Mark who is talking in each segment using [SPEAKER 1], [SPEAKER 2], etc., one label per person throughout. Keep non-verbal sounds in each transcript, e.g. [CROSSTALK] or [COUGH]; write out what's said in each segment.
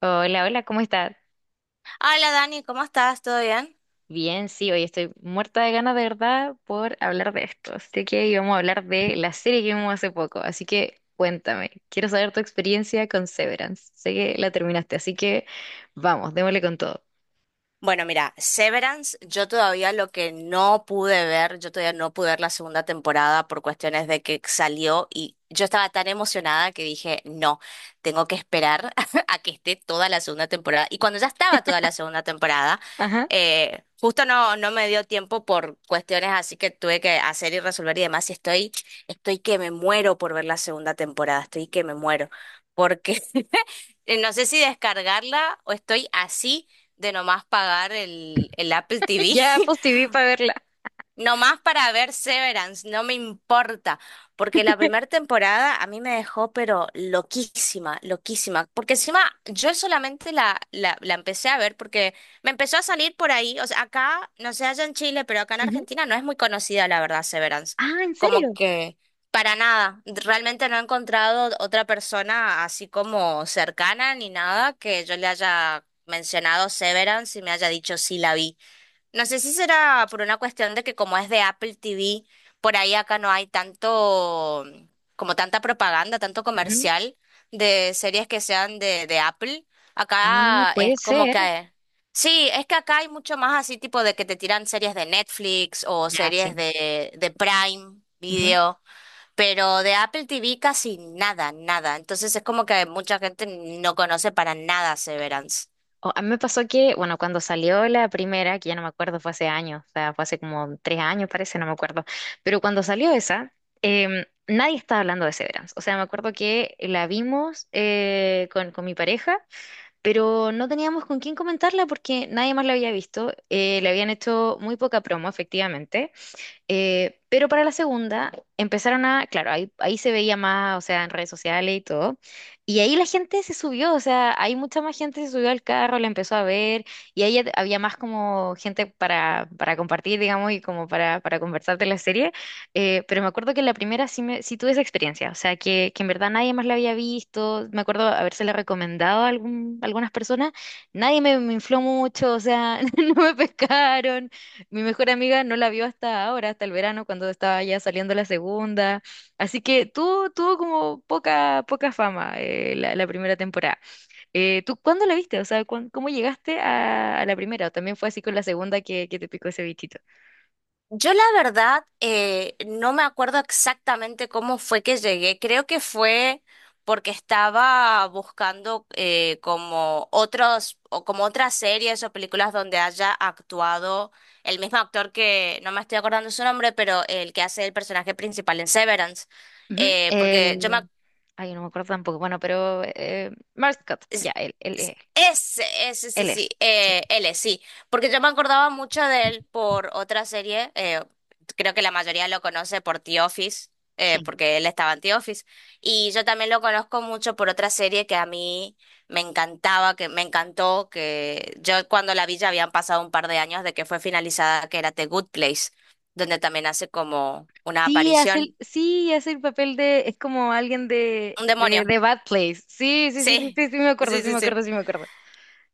[SPEAKER 1] Hola, hola, ¿cómo estás?
[SPEAKER 2] Hola Dani, ¿cómo estás? ¿Todo bien?
[SPEAKER 1] Bien, sí, hoy estoy muerta de ganas de verdad por hablar de esto. Así que íbamos a hablar de la serie que vimos hace poco. Así que cuéntame, quiero saber tu experiencia con Severance. Sé que la terminaste, así que vamos, démosle con todo.
[SPEAKER 2] Bueno, mira, Severance, yo todavía lo que no pude ver, yo todavía no pude ver la segunda temporada por cuestiones de que salió y yo estaba tan emocionada que dije, no, tengo que esperar [LAUGHS] a que esté toda la segunda temporada. Y cuando ya estaba toda la segunda temporada,
[SPEAKER 1] Ajá.
[SPEAKER 2] justo no me dio tiempo por cuestiones así que tuve que hacer y resolver y demás. Estoy que me muero por ver la segunda temporada, estoy que me muero. Porque no sé si descargarla o estoy así de nomás pagar el Apple
[SPEAKER 1] [LAUGHS] Ya
[SPEAKER 2] TV.
[SPEAKER 1] Apple
[SPEAKER 2] [LAUGHS]
[SPEAKER 1] TV para verla.
[SPEAKER 2] Nomás para ver Severance, no me importa, porque la primera temporada a mí me dejó pero loquísima, loquísima, porque encima yo solamente la empecé a ver porque me empezó a salir por ahí, o sea, acá, no sé, allá en Chile, pero acá en
[SPEAKER 1] Ujú.
[SPEAKER 2] Argentina no es muy conocida la verdad Severance,
[SPEAKER 1] Ah, ¿en
[SPEAKER 2] como
[SPEAKER 1] serio?
[SPEAKER 2] que para nada, realmente no he encontrado otra persona así como cercana ni nada que yo le haya mencionado Severance y me haya dicho sí la vi. No sé si será por una cuestión de que como es de Apple TV, por ahí acá no hay tanto, como tanta propaganda, tanto
[SPEAKER 1] Ujú.
[SPEAKER 2] comercial de series que sean de Apple.
[SPEAKER 1] Ah,
[SPEAKER 2] Acá es
[SPEAKER 1] puede
[SPEAKER 2] como
[SPEAKER 1] ser.
[SPEAKER 2] que... Sí, es que acá hay mucho más así tipo de que te tiran series de Netflix o
[SPEAKER 1] Ya,
[SPEAKER 2] series
[SPEAKER 1] sí.
[SPEAKER 2] de Prime Video, pero de Apple TV casi nada, nada. Entonces es como que mucha gente no conoce para nada Severance.
[SPEAKER 1] A mí me pasó que, bueno, cuando salió la primera, que ya no me acuerdo, fue hace años, o sea, fue hace como tres años, parece, no me acuerdo, pero cuando salió esa, nadie estaba hablando de Severance. O sea, me acuerdo que la vimos con mi pareja, pero no teníamos con quién comentarla porque nadie más la había visto. Le habían hecho muy poca promo, efectivamente, pero para la segunda empezaron a, claro, ahí, ahí se veía más, o sea, en redes sociales y todo. Y ahí la gente se subió, o sea, ahí mucha más gente se subió al carro, la empezó a ver, y ahí ya había más como gente para compartir, digamos, y como para conversar de la serie. Pero me acuerdo que en la primera sí, me, sí tuve esa experiencia, o sea, que en verdad nadie más la había visto. Me acuerdo habérsela recomendado a algún, algunas personas, nadie me, me infló mucho, o sea, [LAUGHS] no me pescaron. Mi mejor amiga no la vio hasta ahora, hasta el verano, cuando estaba ya saliendo la segunda. Así que tuvo, tuvo como poca, poca fama la, la primera temporada. ¿Tú cuándo la viste? O sea, ¿cómo llegaste a la primera? ¿O también fue así con la segunda que te picó ese bichito?
[SPEAKER 2] Yo la verdad no me acuerdo exactamente cómo fue que llegué. Creo que fue porque estaba buscando como otros o como otras series o películas donde haya actuado el mismo actor que no me estoy acordando su nombre, pero el que hace el personaje principal en Severance.
[SPEAKER 1] Ujú.
[SPEAKER 2] Porque yo me
[SPEAKER 1] El... Ay, no me acuerdo tampoco. Bueno, pero Scott, ya,
[SPEAKER 2] Es-
[SPEAKER 1] él, él,
[SPEAKER 2] es-
[SPEAKER 1] él,
[SPEAKER 2] Ese, sí,
[SPEAKER 1] él
[SPEAKER 2] sí,
[SPEAKER 1] es. Sí,
[SPEAKER 2] él sí, porque yo me acordaba mucho de él por otra serie, creo que la mayoría lo conoce por The Office,
[SPEAKER 1] sí.
[SPEAKER 2] porque él estaba en The Office, y yo también lo conozco mucho por otra serie que a mí me encantaba, que me encantó, que yo cuando la vi ya habían pasado un par de años de que fue finalizada, que era The Good Place, donde también hace como una aparición,
[SPEAKER 1] Sí, hace el papel de, es como alguien
[SPEAKER 2] un demonio,
[SPEAKER 1] de Bad Place. Sí,
[SPEAKER 2] [LAUGHS]
[SPEAKER 1] sí, sí, sí,
[SPEAKER 2] sí,
[SPEAKER 1] sí, sí, me acuerdo,
[SPEAKER 2] sí,
[SPEAKER 1] sí,
[SPEAKER 2] sí,
[SPEAKER 1] me
[SPEAKER 2] sí.
[SPEAKER 1] acuerdo, sí, me acuerdo.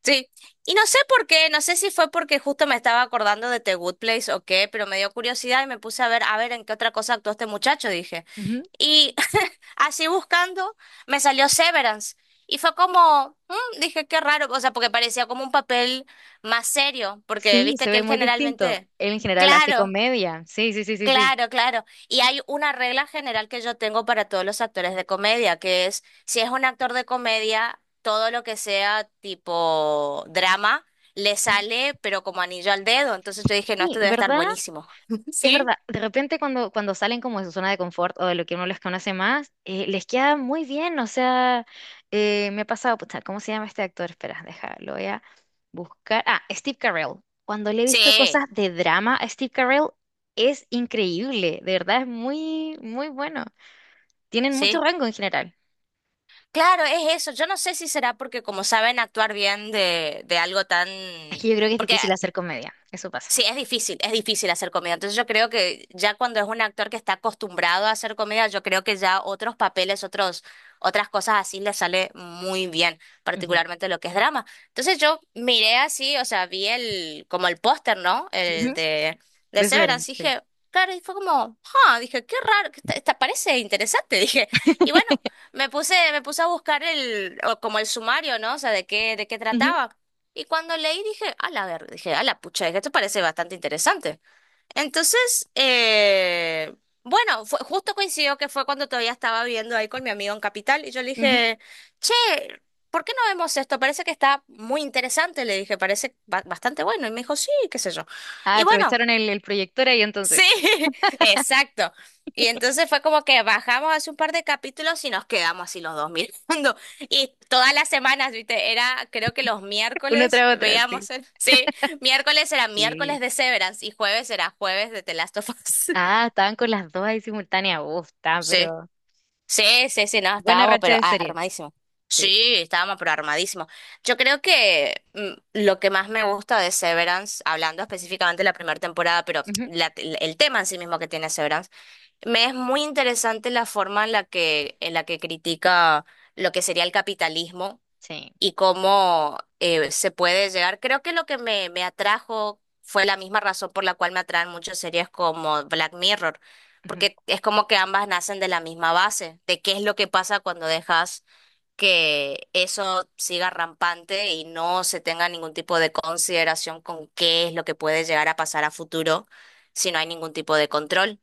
[SPEAKER 2] Sí, y no sé por qué, no sé si fue porque justo me estaba acordando de The Good Place o qué, pero me dio curiosidad y me puse a ver en qué otra cosa actuó este muchacho, dije.
[SPEAKER 1] Ujú.
[SPEAKER 2] Y [LAUGHS] así buscando, me salió Severance. Y fue como, "Mm", dije, qué raro, o sea, porque parecía como un papel más serio, porque
[SPEAKER 1] Sí, se
[SPEAKER 2] viste que
[SPEAKER 1] ve
[SPEAKER 2] él
[SPEAKER 1] muy distinto.
[SPEAKER 2] generalmente,
[SPEAKER 1] Él en general hace
[SPEAKER 2] claro,
[SPEAKER 1] comedia. Sí, sí, sí, sí, sí.
[SPEAKER 2] claro, claro. Y hay una regla general que yo tengo para todos los actores de comedia, que es, si es un actor de comedia, todo lo que sea tipo drama le sale, pero como anillo al dedo. Entonces yo dije, no, esto
[SPEAKER 1] Sí,
[SPEAKER 2] debe estar
[SPEAKER 1] ¿verdad?
[SPEAKER 2] buenísimo. [LAUGHS]
[SPEAKER 1] Es
[SPEAKER 2] ¿Sí?
[SPEAKER 1] verdad. De repente cuando, cuando salen como de su zona de confort o de lo que uno les conoce más, les queda muy bien. O sea, me ha pasado, pucha, ¿cómo se llama este actor? Espera, deja, lo voy a buscar. Ah, Steve Carell. Cuando le he visto
[SPEAKER 2] Sí,
[SPEAKER 1] cosas de drama a Steve Carell, es increíble. De verdad, es muy, muy bueno. Tienen mucho
[SPEAKER 2] sí.
[SPEAKER 1] rango en general.
[SPEAKER 2] Claro, es eso. Yo no sé si será porque como saben actuar bien de algo tan...
[SPEAKER 1] Es que yo creo que es
[SPEAKER 2] Porque
[SPEAKER 1] difícil hacer comedia. Eso pasa.
[SPEAKER 2] Sí, es difícil hacer comedia. Entonces yo creo que ya cuando es un actor que está acostumbrado a hacer comedia, yo creo que ya otros papeles, otras cosas así le sale muy bien,
[SPEAKER 1] Ujú.
[SPEAKER 2] particularmente lo que es drama. Entonces yo miré así, o sea, vi el, como el póster, ¿no? El
[SPEAKER 1] Ujú. De
[SPEAKER 2] de
[SPEAKER 1] eso eran,
[SPEAKER 2] Severance, y
[SPEAKER 1] sí.
[SPEAKER 2] dije, claro, y fue como, ah, dije, qué raro, que esta parece interesante, [LAUGHS] dije. Y bueno,
[SPEAKER 1] [LAUGHS]
[SPEAKER 2] me puse a buscar el, o como el sumario, ¿no? O sea, de qué
[SPEAKER 1] Ujú,
[SPEAKER 2] trataba. Y cuando leí dije, a la ver, dije, a la pucha, dije, esto parece bastante interesante. Entonces, bueno, fue, justo coincidió que fue cuando todavía estaba viviendo ahí con mi amigo en Capital y yo le
[SPEAKER 1] ujú.
[SPEAKER 2] dije, che, ¿por qué no vemos esto? Parece que está muy interesante, le dije, parece bastante bueno. Y me dijo, sí, qué sé yo.
[SPEAKER 1] Ah,
[SPEAKER 2] Y bueno.
[SPEAKER 1] aprovecharon el proyector ahí entonces.
[SPEAKER 2] Sí, [LAUGHS] exacto. Y entonces fue como que bajamos hace un par de capítulos y nos quedamos así los dos [LAUGHS] mirando. Y todas las semanas, ¿viste? Era, creo que los
[SPEAKER 1] [LAUGHS] Una
[SPEAKER 2] miércoles
[SPEAKER 1] tras otra, sí.
[SPEAKER 2] veíamos el... [LAUGHS] Sí, miércoles era
[SPEAKER 1] Sí.
[SPEAKER 2] miércoles de Severance y jueves era jueves de The Last of Us. [LAUGHS]
[SPEAKER 1] Ah, estaban con las dos ahí simultáneas. Uf, está,
[SPEAKER 2] Sí,
[SPEAKER 1] pero
[SPEAKER 2] sí, sí, sí, no,
[SPEAKER 1] buena
[SPEAKER 2] estábamos
[SPEAKER 1] racha
[SPEAKER 2] pero
[SPEAKER 1] de serie.
[SPEAKER 2] armadísimo.
[SPEAKER 1] Sí.
[SPEAKER 2] Sí, estábamos pero armadísimo. Yo creo que lo que más me gusta de Severance, hablando específicamente de la primera temporada, pero
[SPEAKER 1] Ujú.
[SPEAKER 2] el tema en sí mismo que tiene Severance, me es muy interesante la forma en la que critica lo que sería el capitalismo
[SPEAKER 1] Sí.
[SPEAKER 2] y cómo se puede llegar. Creo que lo que me atrajo fue la misma razón por la cual me atraen muchas series como Black Mirror,
[SPEAKER 1] Ujú.
[SPEAKER 2] porque es como que ambas nacen de la misma base, de qué es lo que pasa cuando dejas que eso siga rampante y no se tenga ningún tipo de consideración con qué es lo que puede llegar a pasar a futuro si no hay ningún tipo de control.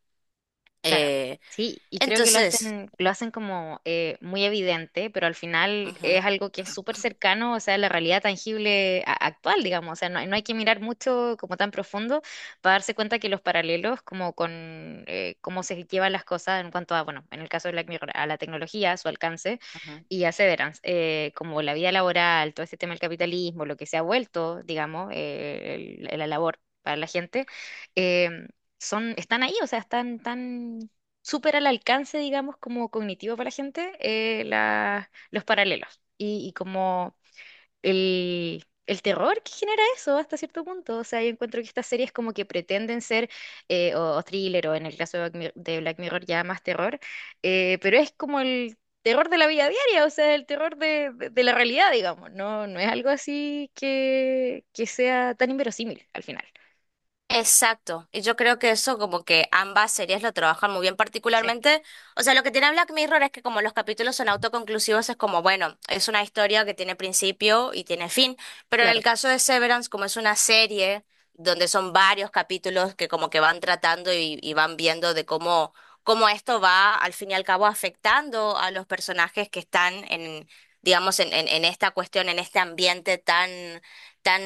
[SPEAKER 1] Claro,
[SPEAKER 2] Eh,
[SPEAKER 1] sí, y creo que
[SPEAKER 2] entonces,
[SPEAKER 1] lo hacen como muy evidente, pero al final
[SPEAKER 2] ujú,
[SPEAKER 1] es algo que es súper cercano, o sea, la realidad tangible actual, digamos, o sea, no, no hay que mirar mucho como tan profundo para darse cuenta que los paralelos como con cómo se llevan las cosas en cuanto a, bueno, en el caso de Black Mirror, a la tecnología, a su alcance
[SPEAKER 2] ujú.
[SPEAKER 1] y a Severance, como la vida laboral, todo este tema del capitalismo, lo que se ha vuelto, digamos, la labor para la gente. eh, Son, están ahí, o sea, están tan súper al alcance, digamos, como cognitivo para la gente, los paralelos y como el terror que genera eso hasta cierto punto. O sea, yo encuentro que estas series como que pretenden ser o thriller o en el caso de Black Mirror ya más terror, pero es como el... terror de la vida diaria, o sea, el terror de, de la realidad, digamos, no, no es algo así que sea tan inverosímil al final.
[SPEAKER 2] Exacto, y yo creo que eso como que ambas series lo trabajan muy bien
[SPEAKER 1] Sí.
[SPEAKER 2] particularmente, o sea, lo que tiene Black Mirror es que como los capítulos son autoconclusivos es como, bueno, es una historia que tiene principio y tiene fin, pero en
[SPEAKER 1] Claro.
[SPEAKER 2] el caso de Severance como es una serie donde son varios capítulos que como que van tratando y van viendo de cómo, cómo esto va al fin y al cabo afectando a los personajes que están en, digamos, en esta cuestión, en este ambiente tan, tan,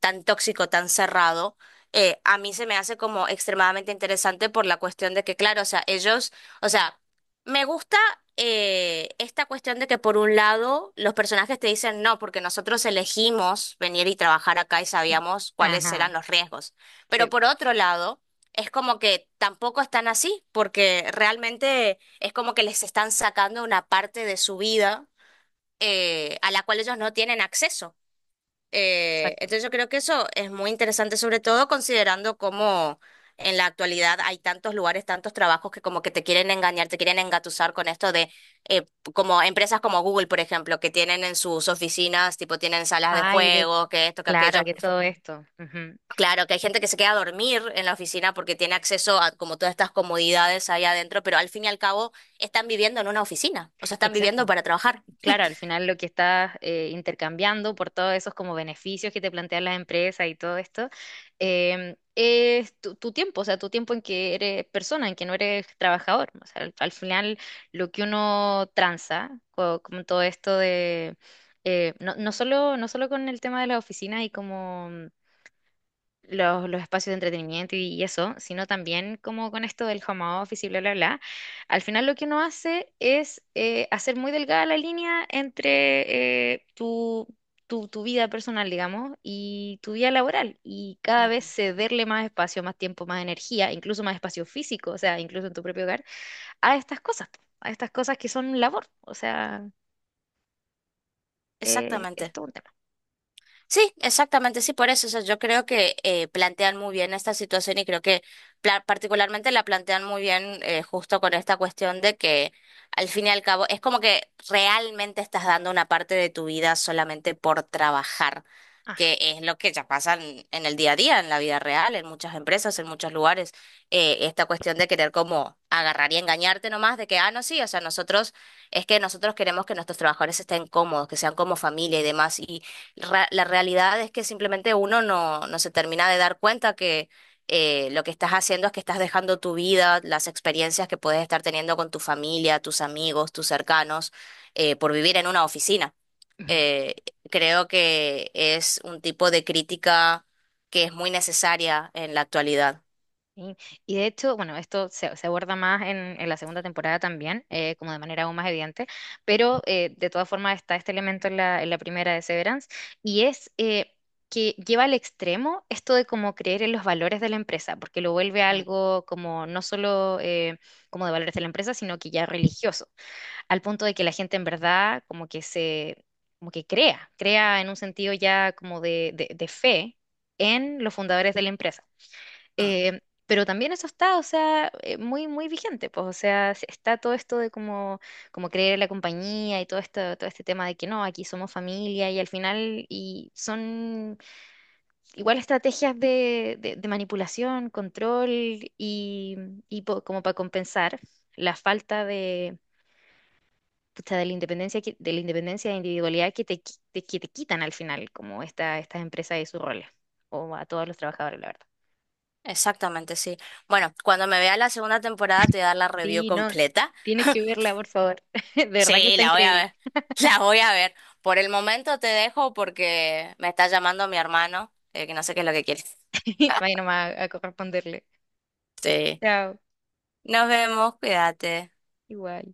[SPEAKER 2] tan tóxico, tan cerrado a mí se me hace como extremadamente interesante por la cuestión de que, claro, o sea, ellos, o sea, me gusta esta cuestión de que por un lado los personajes te dicen no, porque nosotros elegimos venir y trabajar acá y sabíamos cuáles
[SPEAKER 1] Ajá.
[SPEAKER 2] eran los riesgos, pero
[SPEAKER 1] Sí,
[SPEAKER 2] por otro lado... Es como que tampoco están así, porque realmente es como que les están sacando una parte de su vida a la cual ellos no tienen acceso.
[SPEAKER 1] exacto.
[SPEAKER 2] Entonces yo creo que eso es muy interesante, sobre todo considerando cómo en la actualidad hay tantos lugares, tantos trabajos que como que te quieren engañar, te quieren engatusar con esto de eh, como empresas como Google, por ejemplo, que tienen en sus oficinas, tipo tienen salas de
[SPEAKER 1] Ay, de,
[SPEAKER 2] juegos, que esto, que
[SPEAKER 1] claro,
[SPEAKER 2] aquello.
[SPEAKER 1] que todo esto. Ujú.
[SPEAKER 2] Claro, que hay gente que se queda a dormir en la oficina porque tiene acceso a como todas estas comodidades ahí adentro, pero al fin y al cabo están viviendo en una oficina, o sea, están
[SPEAKER 1] Exacto.
[SPEAKER 2] viviendo para trabajar.
[SPEAKER 1] Claro, al final lo que estás intercambiando por todos esos como beneficios que te plantean las empresas y todo esto, es tu, tu tiempo, o sea, tu tiempo en que eres persona, en que no eres trabajador. O sea, al, al final lo que uno tranza con, todo esto de... no, no solo, no solo con el tema de las oficinas y como los espacios de entretenimiento y eso, sino también como con esto del home office y bla, bla, bla, al final lo que uno hace es hacer muy delgada la línea entre tu, tu vida personal, digamos, y tu vida laboral, y cada vez
[SPEAKER 2] Ujú.
[SPEAKER 1] cederle más espacio, más tiempo, más energía, incluso más espacio físico, o sea, incluso en tu propio hogar, a estas cosas, po, a estas cosas que son labor, o sea,
[SPEAKER 2] Exactamente.
[SPEAKER 1] es todo un tema.
[SPEAKER 2] Sí, exactamente, sí, por eso. O sea, yo creo que plantean muy bien esta situación y creo que particularmente la plantean muy bien justo con esta cuestión de que al fin y al cabo es como que realmente estás dando una parte de tu vida solamente por trabajar, que es lo que ya pasa en el día a día, en la vida real, en muchas empresas, en muchos lugares. Esta cuestión de querer como agarrar y engañarte nomás de que, ah, no, sí, o sea, nosotros, es que nosotros queremos que nuestros trabajadores estén cómodos, que sean como familia y demás. Y la realidad es que simplemente uno no, no se termina de dar cuenta que lo que estás haciendo es que estás dejando tu vida, las experiencias que puedes estar teniendo con tu familia, tus amigos, tus cercanos, por vivir en una oficina.
[SPEAKER 1] Ajá.
[SPEAKER 2] Eh, Creo que es un tipo de crítica que es muy necesaria en la actualidad.
[SPEAKER 1] Sí, y de hecho, bueno, esto se, se aborda más en la segunda temporada también, como de manera aún más evidente, pero de todas formas está este elemento en la primera de Severance, y es que lleva al extremo esto de como creer en los valores de la empresa, porque lo vuelve
[SPEAKER 2] Mm,
[SPEAKER 1] algo como no solo como de valores de la empresa, sino que ya religioso, al punto de que la gente en verdad como que se, como que crea, crea en un sentido ya como de, de fe en los fundadores de la empresa.
[SPEAKER 2] mm,
[SPEAKER 1] Eh, pero también eso está, o sea, muy, muy vigente, pues, o sea, está todo esto de como, como creer en la compañía y todo esto, todo este tema de que no, aquí somos familia y al final, y son igual estrategias de, de manipulación, control y, y po- como para compensar la falta de, pucha, de la independencia, de la independencia e individualidad que te, que te quitan al final, como esta, estas empresas y sus roles, o a todos los trabajadores, la verdad.
[SPEAKER 2] Exactamente, sí. Bueno, cuando me vea la segunda temporada te voy a dar la review
[SPEAKER 1] Sí, no,
[SPEAKER 2] completa.
[SPEAKER 1] tienes que
[SPEAKER 2] [LAUGHS]
[SPEAKER 1] verla, por favor. [LAUGHS] De verdad que
[SPEAKER 2] Sí,
[SPEAKER 1] está
[SPEAKER 2] la voy a
[SPEAKER 1] increíble.
[SPEAKER 2] ver. [LAUGHS] La voy a ver. Por el momento te dejo porque me está llamando mi hermano, que no sé qué es lo que quiere.
[SPEAKER 1] [LAUGHS] Vaya nomás a corresponderle.
[SPEAKER 2] Sí.
[SPEAKER 1] Chao.
[SPEAKER 2] Nos vemos, cuídate.
[SPEAKER 1] Igual.